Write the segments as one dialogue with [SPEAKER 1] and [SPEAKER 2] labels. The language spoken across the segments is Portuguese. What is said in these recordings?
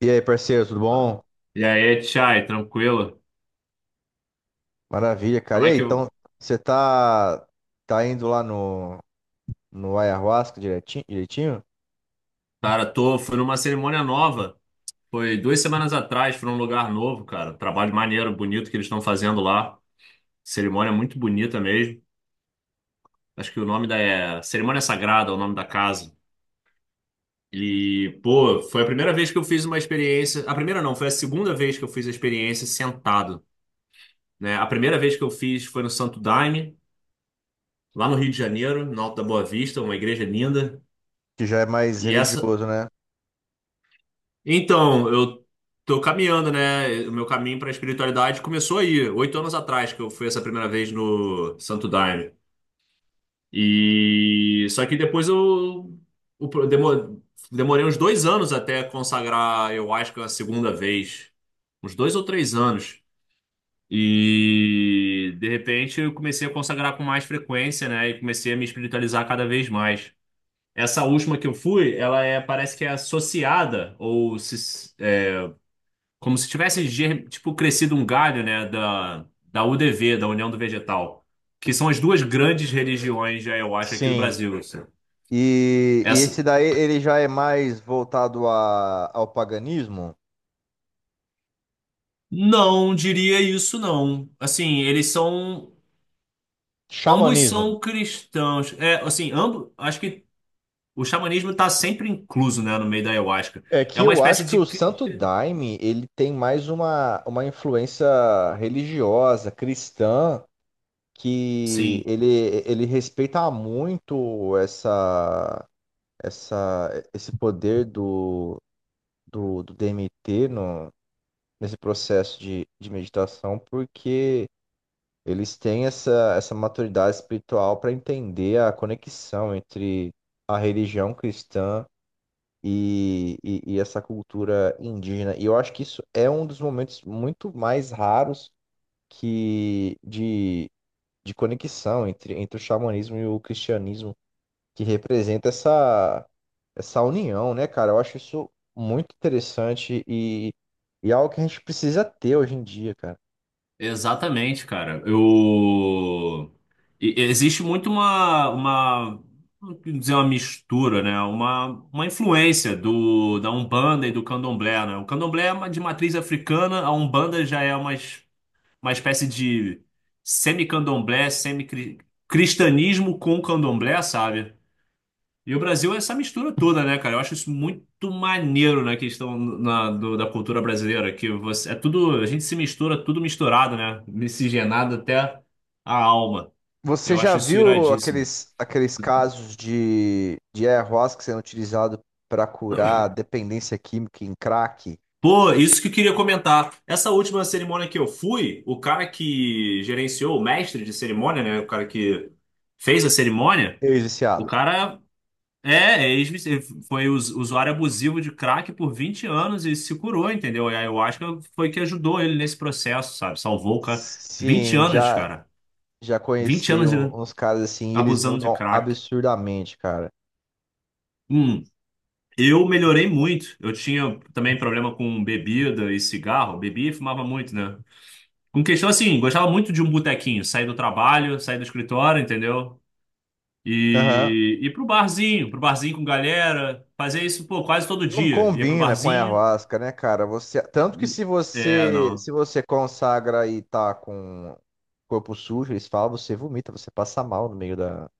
[SPEAKER 1] E aí, parceiro, tudo bom?
[SPEAKER 2] E aí, Tchai, tranquilo?
[SPEAKER 1] Maravilha, cara.
[SPEAKER 2] Como
[SPEAKER 1] E
[SPEAKER 2] é
[SPEAKER 1] aí,
[SPEAKER 2] que
[SPEAKER 1] então,
[SPEAKER 2] eu.
[SPEAKER 1] você tá, tá indo lá no Ayahuasca direitinho, direitinho?
[SPEAKER 2] Cara, tô. Fui numa cerimônia nova. Foi 2 semanas atrás, foi num lugar novo, cara. Um trabalho maneiro, bonito que eles estão fazendo lá. Cerimônia muito bonita mesmo. Acho que o nome da. É, Cerimônia Sagrada é o nome da casa. E, pô, foi a primeira vez que eu fiz uma experiência. A primeira não, foi a segunda vez que eu fiz a experiência sentado, né? A primeira vez que eu fiz foi no Santo Daime, lá no Rio de Janeiro, no Alto da Boa Vista, uma igreja linda.
[SPEAKER 1] Que já é mais
[SPEAKER 2] E essa,
[SPEAKER 1] religioso, né?
[SPEAKER 2] então, eu tô caminhando, né? O meu caminho para a espiritualidade começou aí, 8 anos atrás, que eu fui essa primeira vez no Santo Daime. E só que depois eu, o pro- demo- demorei uns 2 anos até consagrar, eu acho que a segunda vez, uns 2 ou 3 anos. E de repente eu comecei a consagrar com mais frequência, né? E comecei a me espiritualizar cada vez mais. Essa última que eu fui, ela é, parece que é associada ou se. Como se tivesse, tipo, crescido um galho, né, da UDV, da União do Vegetal, que são as duas grandes religiões, já eu acho, aqui do
[SPEAKER 1] Sim.
[SPEAKER 2] Brasil. Assim.
[SPEAKER 1] E esse
[SPEAKER 2] Essa,
[SPEAKER 1] daí, ele já é mais voltado ao paganismo?
[SPEAKER 2] não diria isso, não. Assim, eles são, ambos
[SPEAKER 1] Xamanismo.
[SPEAKER 2] são cristãos. É, assim, ambos, acho que o xamanismo está sempre incluso, né, no meio da ayahuasca.
[SPEAKER 1] É
[SPEAKER 2] É
[SPEAKER 1] que
[SPEAKER 2] uma
[SPEAKER 1] eu
[SPEAKER 2] espécie
[SPEAKER 1] acho que
[SPEAKER 2] de
[SPEAKER 1] o Santo
[SPEAKER 2] cristianismo.
[SPEAKER 1] Daime, ele tem mais uma influência religiosa, cristã, que
[SPEAKER 2] Sim.
[SPEAKER 1] ele respeita muito essa essa, esse poder do DMT no, nesse processo de meditação, porque eles têm essa, essa maturidade espiritual para entender a conexão entre a religião cristã e essa cultura indígena. E eu acho que isso é um dos momentos muito mais raros que de, de conexão entre o xamanismo e o cristianismo que representa essa, essa união, né, cara? Eu acho isso muito interessante e algo que a gente precisa ter hoje em dia, cara.
[SPEAKER 2] Exatamente, cara. Existe muito não quero dizer uma mistura, né? Uma influência do, da Umbanda e do Candomblé, né? O Candomblé é de matriz africana, a Umbanda já é uma espécie de semi-candomblé, semi-cristianismo com candomblé, sabe? E o Brasil é essa mistura toda, né, cara? Eu acho isso muito maneiro na questão da cultura brasileira, que você, é tudo, a gente se mistura, tudo misturado, né? Miscigenado até a alma.
[SPEAKER 1] Você
[SPEAKER 2] Eu
[SPEAKER 1] já
[SPEAKER 2] acho isso
[SPEAKER 1] viu
[SPEAKER 2] iradíssimo.
[SPEAKER 1] aqueles, aqueles casos de ayahuasca sendo utilizado para curar dependência química em crack?
[SPEAKER 2] Pô, isso que eu queria comentar. Essa última cerimônia que eu fui, o cara que gerenciou, o mestre de cerimônia, né? O cara que fez a cerimônia, o
[SPEAKER 1] Ex-viciado.
[SPEAKER 2] cara usuário abusivo de crack por 20 anos e se curou, entendeu? E a ayahuasca foi que ajudou ele nesse processo, sabe? Salvou o cara. vinte
[SPEAKER 1] Sim,
[SPEAKER 2] anos,
[SPEAKER 1] já,
[SPEAKER 2] cara.
[SPEAKER 1] já
[SPEAKER 2] Vinte
[SPEAKER 1] conheci
[SPEAKER 2] anos
[SPEAKER 1] uns caras assim, e eles
[SPEAKER 2] abusando de
[SPEAKER 1] mudam
[SPEAKER 2] crack.
[SPEAKER 1] absurdamente, cara.
[SPEAKER 2] Hum, eu melhorei muito. Eu tinha também problema com bebida e cigarro. Bebia e fumava muito, né? Com questão assim, gostava muito de um botequinho. Sair do trabalho, sair do escritório, entendeu?
[SPEAKER 1] Aham.
[SPEAKER 2] E ir pro barzinho com galera. Fazer isso, pô, quase todo
[SPEAKER 1] Não
[SPEAKER 2] dia. Ia pro
[SPEAKER 1] combina com a
[SPEAKER 2] barzinho.
[SPEAKER 1] ayahuasca, né, cara? Você, tanto que
[SPEAKER 2] É, não.
[SPEAKER 1] se você consagra e tá com corpo sujo, eles falam, você vomita, você passa mal no meio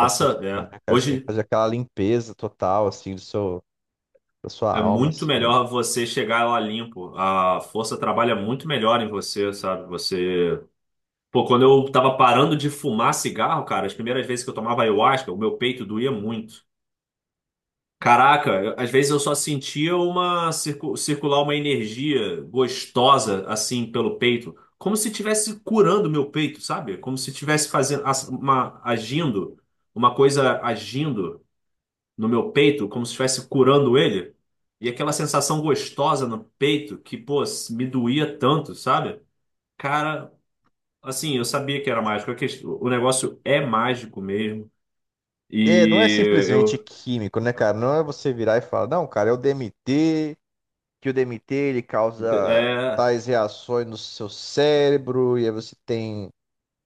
[SPEAKER 1] da cerimônia,
[SPEAKER 2] é.
[SPEAKER 1] né, cara? Você tem que
[SPEAKER 2] Hoje
[SPEAKER 1] fazer aquela limpeza total, assim, do seu, da sua
[SPEAKER 2] é
[SPEAKER 1] alma,
[SPEAKER 2] muito
[SPEAKER 1] assim.
[SPEAKER 2] melhor você chegar lá limpo. A força trabalha muito melhor em você, sabe? Você. Pô, quando eu tava parando de fumar cigarro, cara, as primeiras vezes que eu tomava ayahuasca, o meu peito doía muito. Caraca, às vezes eu só sentia uma circular uma energia gostosa assim pelo peito, como se estivesse curando meu peito, sabe? Como se estivesse fazendo uma coisa agindo. No meu peito, como se estivesse curando ele. E aquela sensação gostosa no peito que, pô, me doía tanto, sabe? Cara, assim, eu sabia que era mágico. O negócio é mágico mesmo.
[SPEAKER 1] É, não é
[SPEAKER 2] E
[SPEAKER 1] simplesmente
[SPEAKER 2] eu.
[SPEAKER 1] químico, né, cara? Não é você virar e falar, não, cara, é o DMT, que o DMT ele causa
[SPEAKER 2] É.
[SPEAKER 1] tais reações no seu cérebro, e aí você tem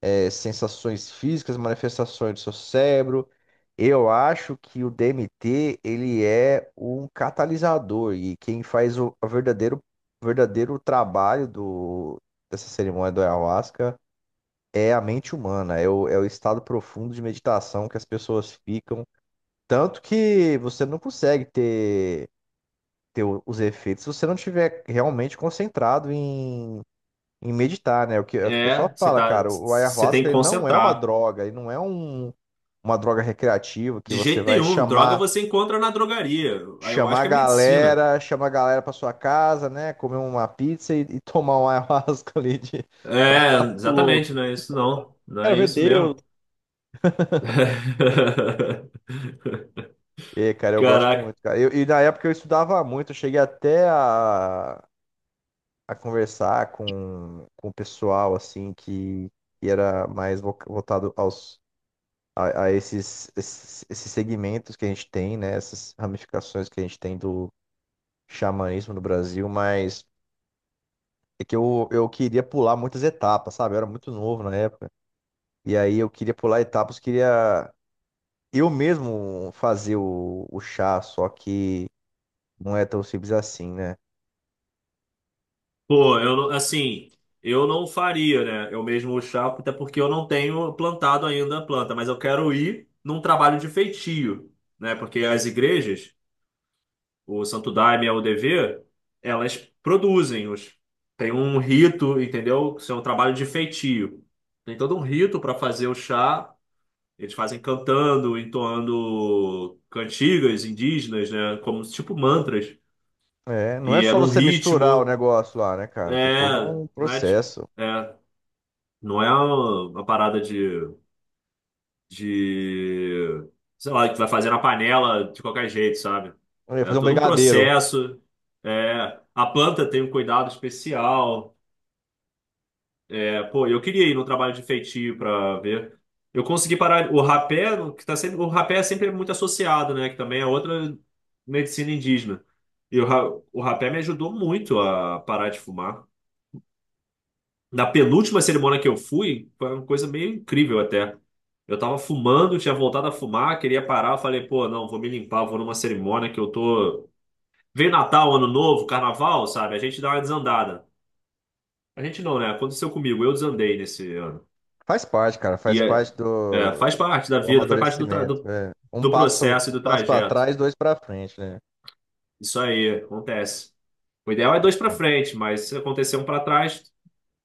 [SPEAKER 1] sensações físicas, manifestações do seu cérebro. Eu acho que o DMT ele é um catalisador e quem faz o verdadeiro, verdadeiro trabalho do, dessa cerimônia do ayahuasca é a mente humana, é o estado profundo de meditação que as pessoas ficam. Tanto que você não consegue ter, os efeitos se você não estiver realmente concentrado em meditar, né? O que, é o que o pessoal
[SPEAKER 2] É. Você
[SPEAKER 1] fala,
[SPEAKER 2] tá,
[SPEAKER 1] cara. O
[SPEAKER 2] você tem
[SPEAKER 1] ayahuasca
[SPEAKER 2] que
[SPEAKER 1] ele não é uma
[SPEAKER 2] concentrar.
[SPEAKER 1] droga, ele não é uma droga recreativa que
[SPEAKER 2] De
[SPEAKER 1] você
[SPEAKER 2] jeito
[SPEAKER 1] vai
[SPEAKER 2] nenhum. Droga você encontra na drogaria. Aí eu acho que é medicina.
[SPEAKER 1] chamar a galera pra sua casa, né? Comer uma pizza e tomar um ayahuasca ali de
[SPEAKER 2] É, exatamente,
[SPEAKER 1] louco.
[SPEAKER 2] não é isso não. Não
[SPEAKER 1] Quero
[SPEAKER 2] é
[SPEAKER 1] ver
[SPEAKER 2] isso
[SPEAKER 1] Deus.
[SPEAKER 2] mesmo.
[SPEAKER 1] É, cara, eu gosto
[SPEAKER 2] Caraca.
[SPEAKER 1] muito, cara. E na época eu estudava muito, eu cheguei até a conversar com o pessoal, assim, que era mais voltado aos a esses, esses, esses segmentos que a gente tem, né? Essas ramificações que a gente tem do xamanismo no Brasil, mas é que eu queria pular muitas etapas, sabe? Eu era muito novo na época. E aí eu queria pular etapas, queria eu mesmo fazer o chá, só que não é tão simples assim, né?
[SPEAKER 2] Pô, eu não- Assim, eu não faria, né? Eu mesmo o chá, até porque eu não tenho plantado ainda a planta, mas eu quero ir num trabalho de feitio, né? Porque as igrejas, o Santo Daime e a UDV, elas produzem os tem um rito, entendeu? Isso é um trabalho de feitio. Tem todo um rito para fazer o chá. Eles fazem cantando, entoando cantigas indígenas, né? Como tipo mantras.
[SPEAKER 1] É, não é
[SPEAKER 2] E é
[SPEAKER 1] só
[SPEAKER 2] num
[SPEAKER 1] você misturar o
[SPEAKER 2] ritmo,
[SPEAKER 1] negócio lá, né, cara? Tem todo
[SPEAKER 2] é,
[SPEAKER 1] um
[SPEAKER 2] não é tipo,
[SPEAKER 1] processo.
[SPEAKER 2] é. Não é uma parada de, sei lá, que vai fazer na panela de qualquer jeito, sabe?
[SPEAKER 1] Eu ia
[SPEAKER 2] É
[SPEAKER 1] fazer um
[SPEAKER 2] todo um
[SPEAKER 1] brigadeiro.
[SPEAKER 2] processo. É, a planta tem um cuidado especial. É, pô, eu queria ir no trabalho de feitio para ver. Eu consegui parar o rapé, que tá sempre, o rapé é sempre muito associado, né? Que também é outra medicina indígena. E o, ra- o rapé me ajudou muito a parar de fumar. Na penúltima cerimônia que eu fui, foi uma coisa meio incrível até. Eu tava fumando, tinha voltado a fumar, queria parar, eu falei, pô, não, vou me limpar, vou numa cerimônia que eu tô. Vem Natal, Ano Novo, Carnaval, sabe? A gente dá uma desandada. A gente não, né? Aconteceu comigo, eu desandei nesse ano.
[SPEAKER 1] Faz parte, cara. Faz
[SPEAKER 2] E é,
[SPEAKER 1] parte
[SPEAKER 2] é,
[SPEAKER 1] do,
[SPEAKER 2] faz parte da
[SPEAKER 1] do
[SPEAKER 2] vida, faz parte do, tra-
[SPEAKER 1] amadurecimento.
[SPEAKER 2] do,
[SPEAKER 1] É.
[SPEAKER 2] do processo e
[SPEAKER 1] Um
[SPEAKER 2] do
[SPEAKER 1] passo para
[SPEAKER 2] trajeto.
[SPEAKER 1] trás, dois para frente, né?
[SPEAKER 2] Isso aí, acontece. O ideal é dois pra frente, mas se acontecer um pra trás,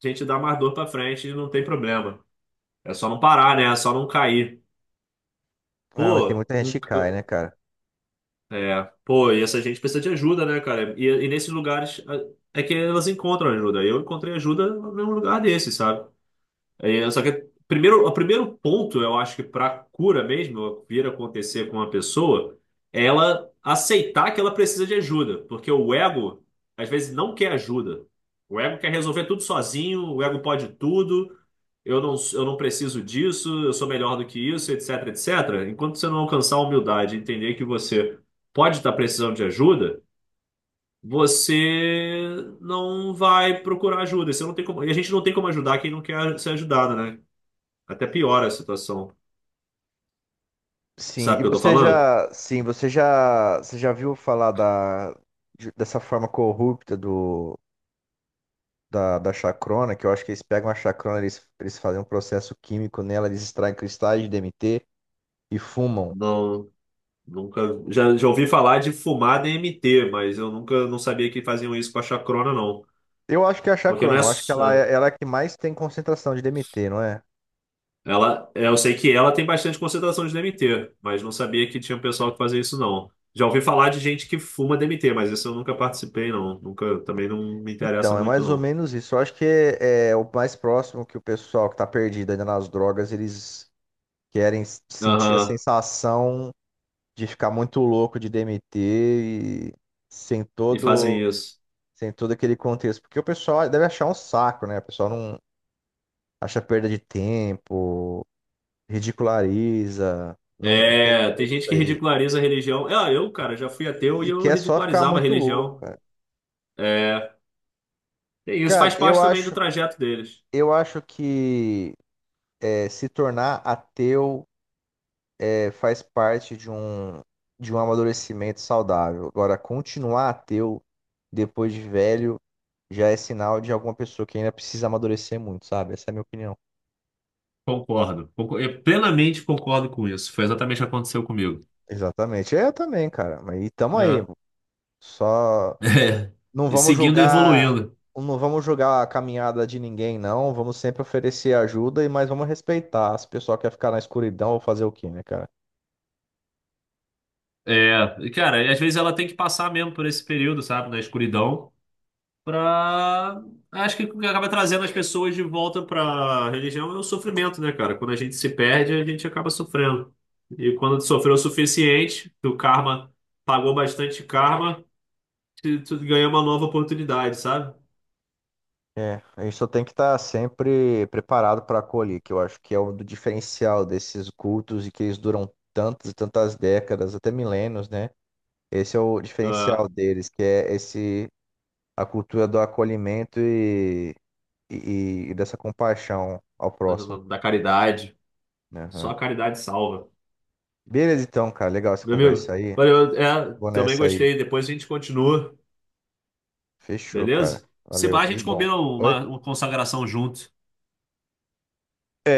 [SPEAKER 2] a gente dá mais dor pra frente e não tem problema. É só não parar, né? É só não cair.
[SPEAKER 1] Ah, mas tem
[SPEAKER 2] Pô,
[SPEAKER 1] muita gente
[SPEAKER 2] um
[SPEAKER 1] que cai,
[SPEAKER 2] c-
[SPEAKER 1] né, cara?
[SPEAKER 2] É, pô, e essa gente precisa de ajuda, né, cara? E nesses lugares é que elas encontram ajuda. Eu encontrei ajuda num lugar desse, sabe? É, só que primeiro, o primeiro ponto, eu acho que para cura mesmo, vir a acontecer com uma pessoa, é ela aceitar que ela precisa de ajuda, porque o ego às vezes não quer ajuda. O ego quer resolver tudo sozinho, o ego pode tudo. Eu não preciso disso, eu sou melhor do que isso, etc, etc. Enquanto você não alcançar a humildade, e entender que você pode estar precisando de ajuda, você não vai procurar ajuda. Você não tem como, e a gente não tem como ajudar quem não quer ser ajudado, né? Até piora a situação.
[SPEAKER 1] Sim,
[SPEAKER 2] Sabe o
[SPEAKER 1] e
[SPEAKER 2] que eu tô
[SPEAKER 1] você
[SPEAKER 2] falando?
[SPEAKER 1] já, sim, você já viu falar dessa forma corrupta do, da chacrona, que eu acho que eles pegam a chacrona, eles fazem um processo químico nela, eles extraem cristais de DMT e fumam.
[SPEAKER 2] Não, nunca. Já ouvi falar de fumar DMT, mas eu nunca não sabia que faziam isso com a chacrona, não.
[SPEAKER 1] Eu acho que é a
[SPEAKER 2] Porque não
[SPEAKER 1] chacrona,
[SPEAKER 2] é.
[SPEAKER 1] eu acho que ela é a que mais tem concentração de DMT, não é?
[SPEAKER 2] Ela, é, eu sei que ela tem bastante concentração de DMT, mas não sabia que tinha um pessoal que fazia isso, não. Já ouvi falar de gente que fuma DMT, mas isso eu nunca participei, não. Nunca, também não me interessa
[SPEAKER 1] Então, é
[SPEAKER 2] muito,
[SPEAKER 1] mais ou
[SPEAKER 2] não.
[SPEAKER 1] menos isso. Eu acho que é o mais próximo que o pessoal que está perdido ainda nas drogas, eles querem sentir a
[SPEAKER 2] Aham,
[SPEAKER 1] sensação de ficar muito louco de DMT e sem
[SPEAKER 2] e fazem
[SPEAKER 1] todo,
[SPEAKER 2] isso.
[SPEAKER 1] sem todo aquele contexto. Porque o pessoal deve achar um saco, né? O pessoal não acha perda de tempo, ridiculariza, não, não
[SPEAKER 2] É, tem gente que
[SPEAKER 1] respeita
[SPEAKER 2] ridiculariza a religião. Ah, eu, cara, já fui ateu e
[SPEAKER 1] e
[SPEAKER 2] eu
[SPEAKER 1] quer só ficar
[SPEAKER 2] ridicularizava a
[SPEAKER 1] muito louco.
[SPEAKER 2] religião. É, e isso
[SPEAKER 1] Cara,
[SPEAKER 2] faz parte também do trajeto deles.
[SPEAKER 1] eu acho que se tornar ateu é, faz parte de um amadurecimento saudável. Agora, continuar ateu depois de velho já é sinal de alguma pessoa que ainda precisa amadurecer muito, sabe? Essa é a minha opinião.
[SPEAKER 2] Concordo. Eu plenamente concordo com isso. Foi exatamente o que aconteceu comigo.
[SPEAKER 1] Exatamente. Eu também, cara. Mas e tamo aí.
[SPEAKER 2] É.
[SPEAKER 1] Só
[SPEAKER 2] É.
[SPEAKER 1] não
[SPEAKER 2] E
[SPEAKER 1] vamos
[SPEAKER 2] seguindo e
[SPEAKER 1] julgar,
[SPEAKER 2] evoluindo.
[SPEAKER 1] não vamos julgar a caminhada de ninguém, não. Vamos sempre oferecer ajuda e mas vamos respeitar. Se o pessoal quer ficar na escuridão, vou fazer o quê, né, cara?
[SPEAKER 2] É. Cara, e às vezes ela tem que passar mesmo por esse período, sabe, na escuridão, pra. Acho que o que acaba trazendo as pessoas de volta pra religião é o sofrimento, né, cara? Quando a gente se perde, a gente acaba sofrendo. E quando tu sofreu o suficiente, o karma pagou bastante karma, tu ganha uma nova oportunidade, sabe?
[SPEAKER 1] É, a gente só tem que estar sempre preparado para acolher, que eu acho que é o do diferencial desses cultos e que eles duram tantas e tantas décadas, até milênios, né? Esse é o diferencial deles, que é esse a cultura do acolhimento e dessa compaixão ao
[SPEAKER 2] da,
[SPEAKER 1] próximo.
[SPEAKER 2] da caridade.
[SPEAKER 1] Né?
[SPEAKER 2] Só
[SPEAKER 1] Aham.
[SPEAKER 2] a caridade salva.
[SPEAKER 1] Beleza, então, cara, legal essa
[SPEAKER 2] Meu
[SPEAKER 1] conversa
[SPEAKER 2] amigo,
[SPEAKER 1] aí.
[SPEAKER 2] valeu. É,
[SPEAKER 1] Vou
[SPEAKER 2] também
[SPEAKER 1] nessa aí.
[SPEAKER 2] gostei. Depois a gente continua,
[SPEAKER 1] Fechou, cara.
[SPEAKER 2] beleza? Se
[SPEAKER 1] Valeu,
[SPEAKER 2] vai a
[SPEAKER 1] tudo de
[SPEAKER 2] gente
[SPEAKER 1] bom.
[SPEAKER 2] combina
[SPEAKER 1] Oi?
[SPEAKER 2] uma consagração junto.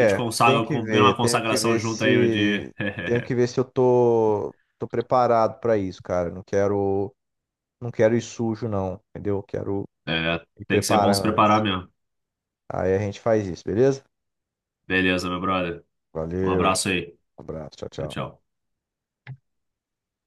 [SPEAKER 2] A gente
[SPEAKER 1] tem
[SPEAKER 2] consagra,
[SPEAKER 1] que
[SPEAKER 2] combina
[SPEAKER 1] ver,
[SPEAKER 2] uma
[SPEAKER 1] tenho que
[SPEAKER 2] consagração
[SPEAKER 1] ver
[SPEAKER 2] junto aí um
[SPEAKER 1] se
[SPEAKER 2] dia.
[SPEAKER 1] eu tô tô preparado pra isso, cara. Não quero ir sujo não, entendeu? Quero
[SPEAKER 2] É,
[SPEAKER 1] me
[SPEAKER 2] tem que ser é bom
[SPEAKER 1] preparar
[SPEAKER 2] se preparar
[SPEAKER 1] antes.
[SPEAKER 2] mesmo.
[SPEAKER 1] Aí a gente faz isso, beleza?
[SPEAKER 2] Beleza, meu brother. Um
[SPEAKER 1] Valeu,
[SPEAKER 2] abraço aí.
[SPEAKER 1] abraço, tchau,
[SPEAKER 2] Tchau,
[SPEAKER 1] tchau.
[SPEAKER 2] tchau.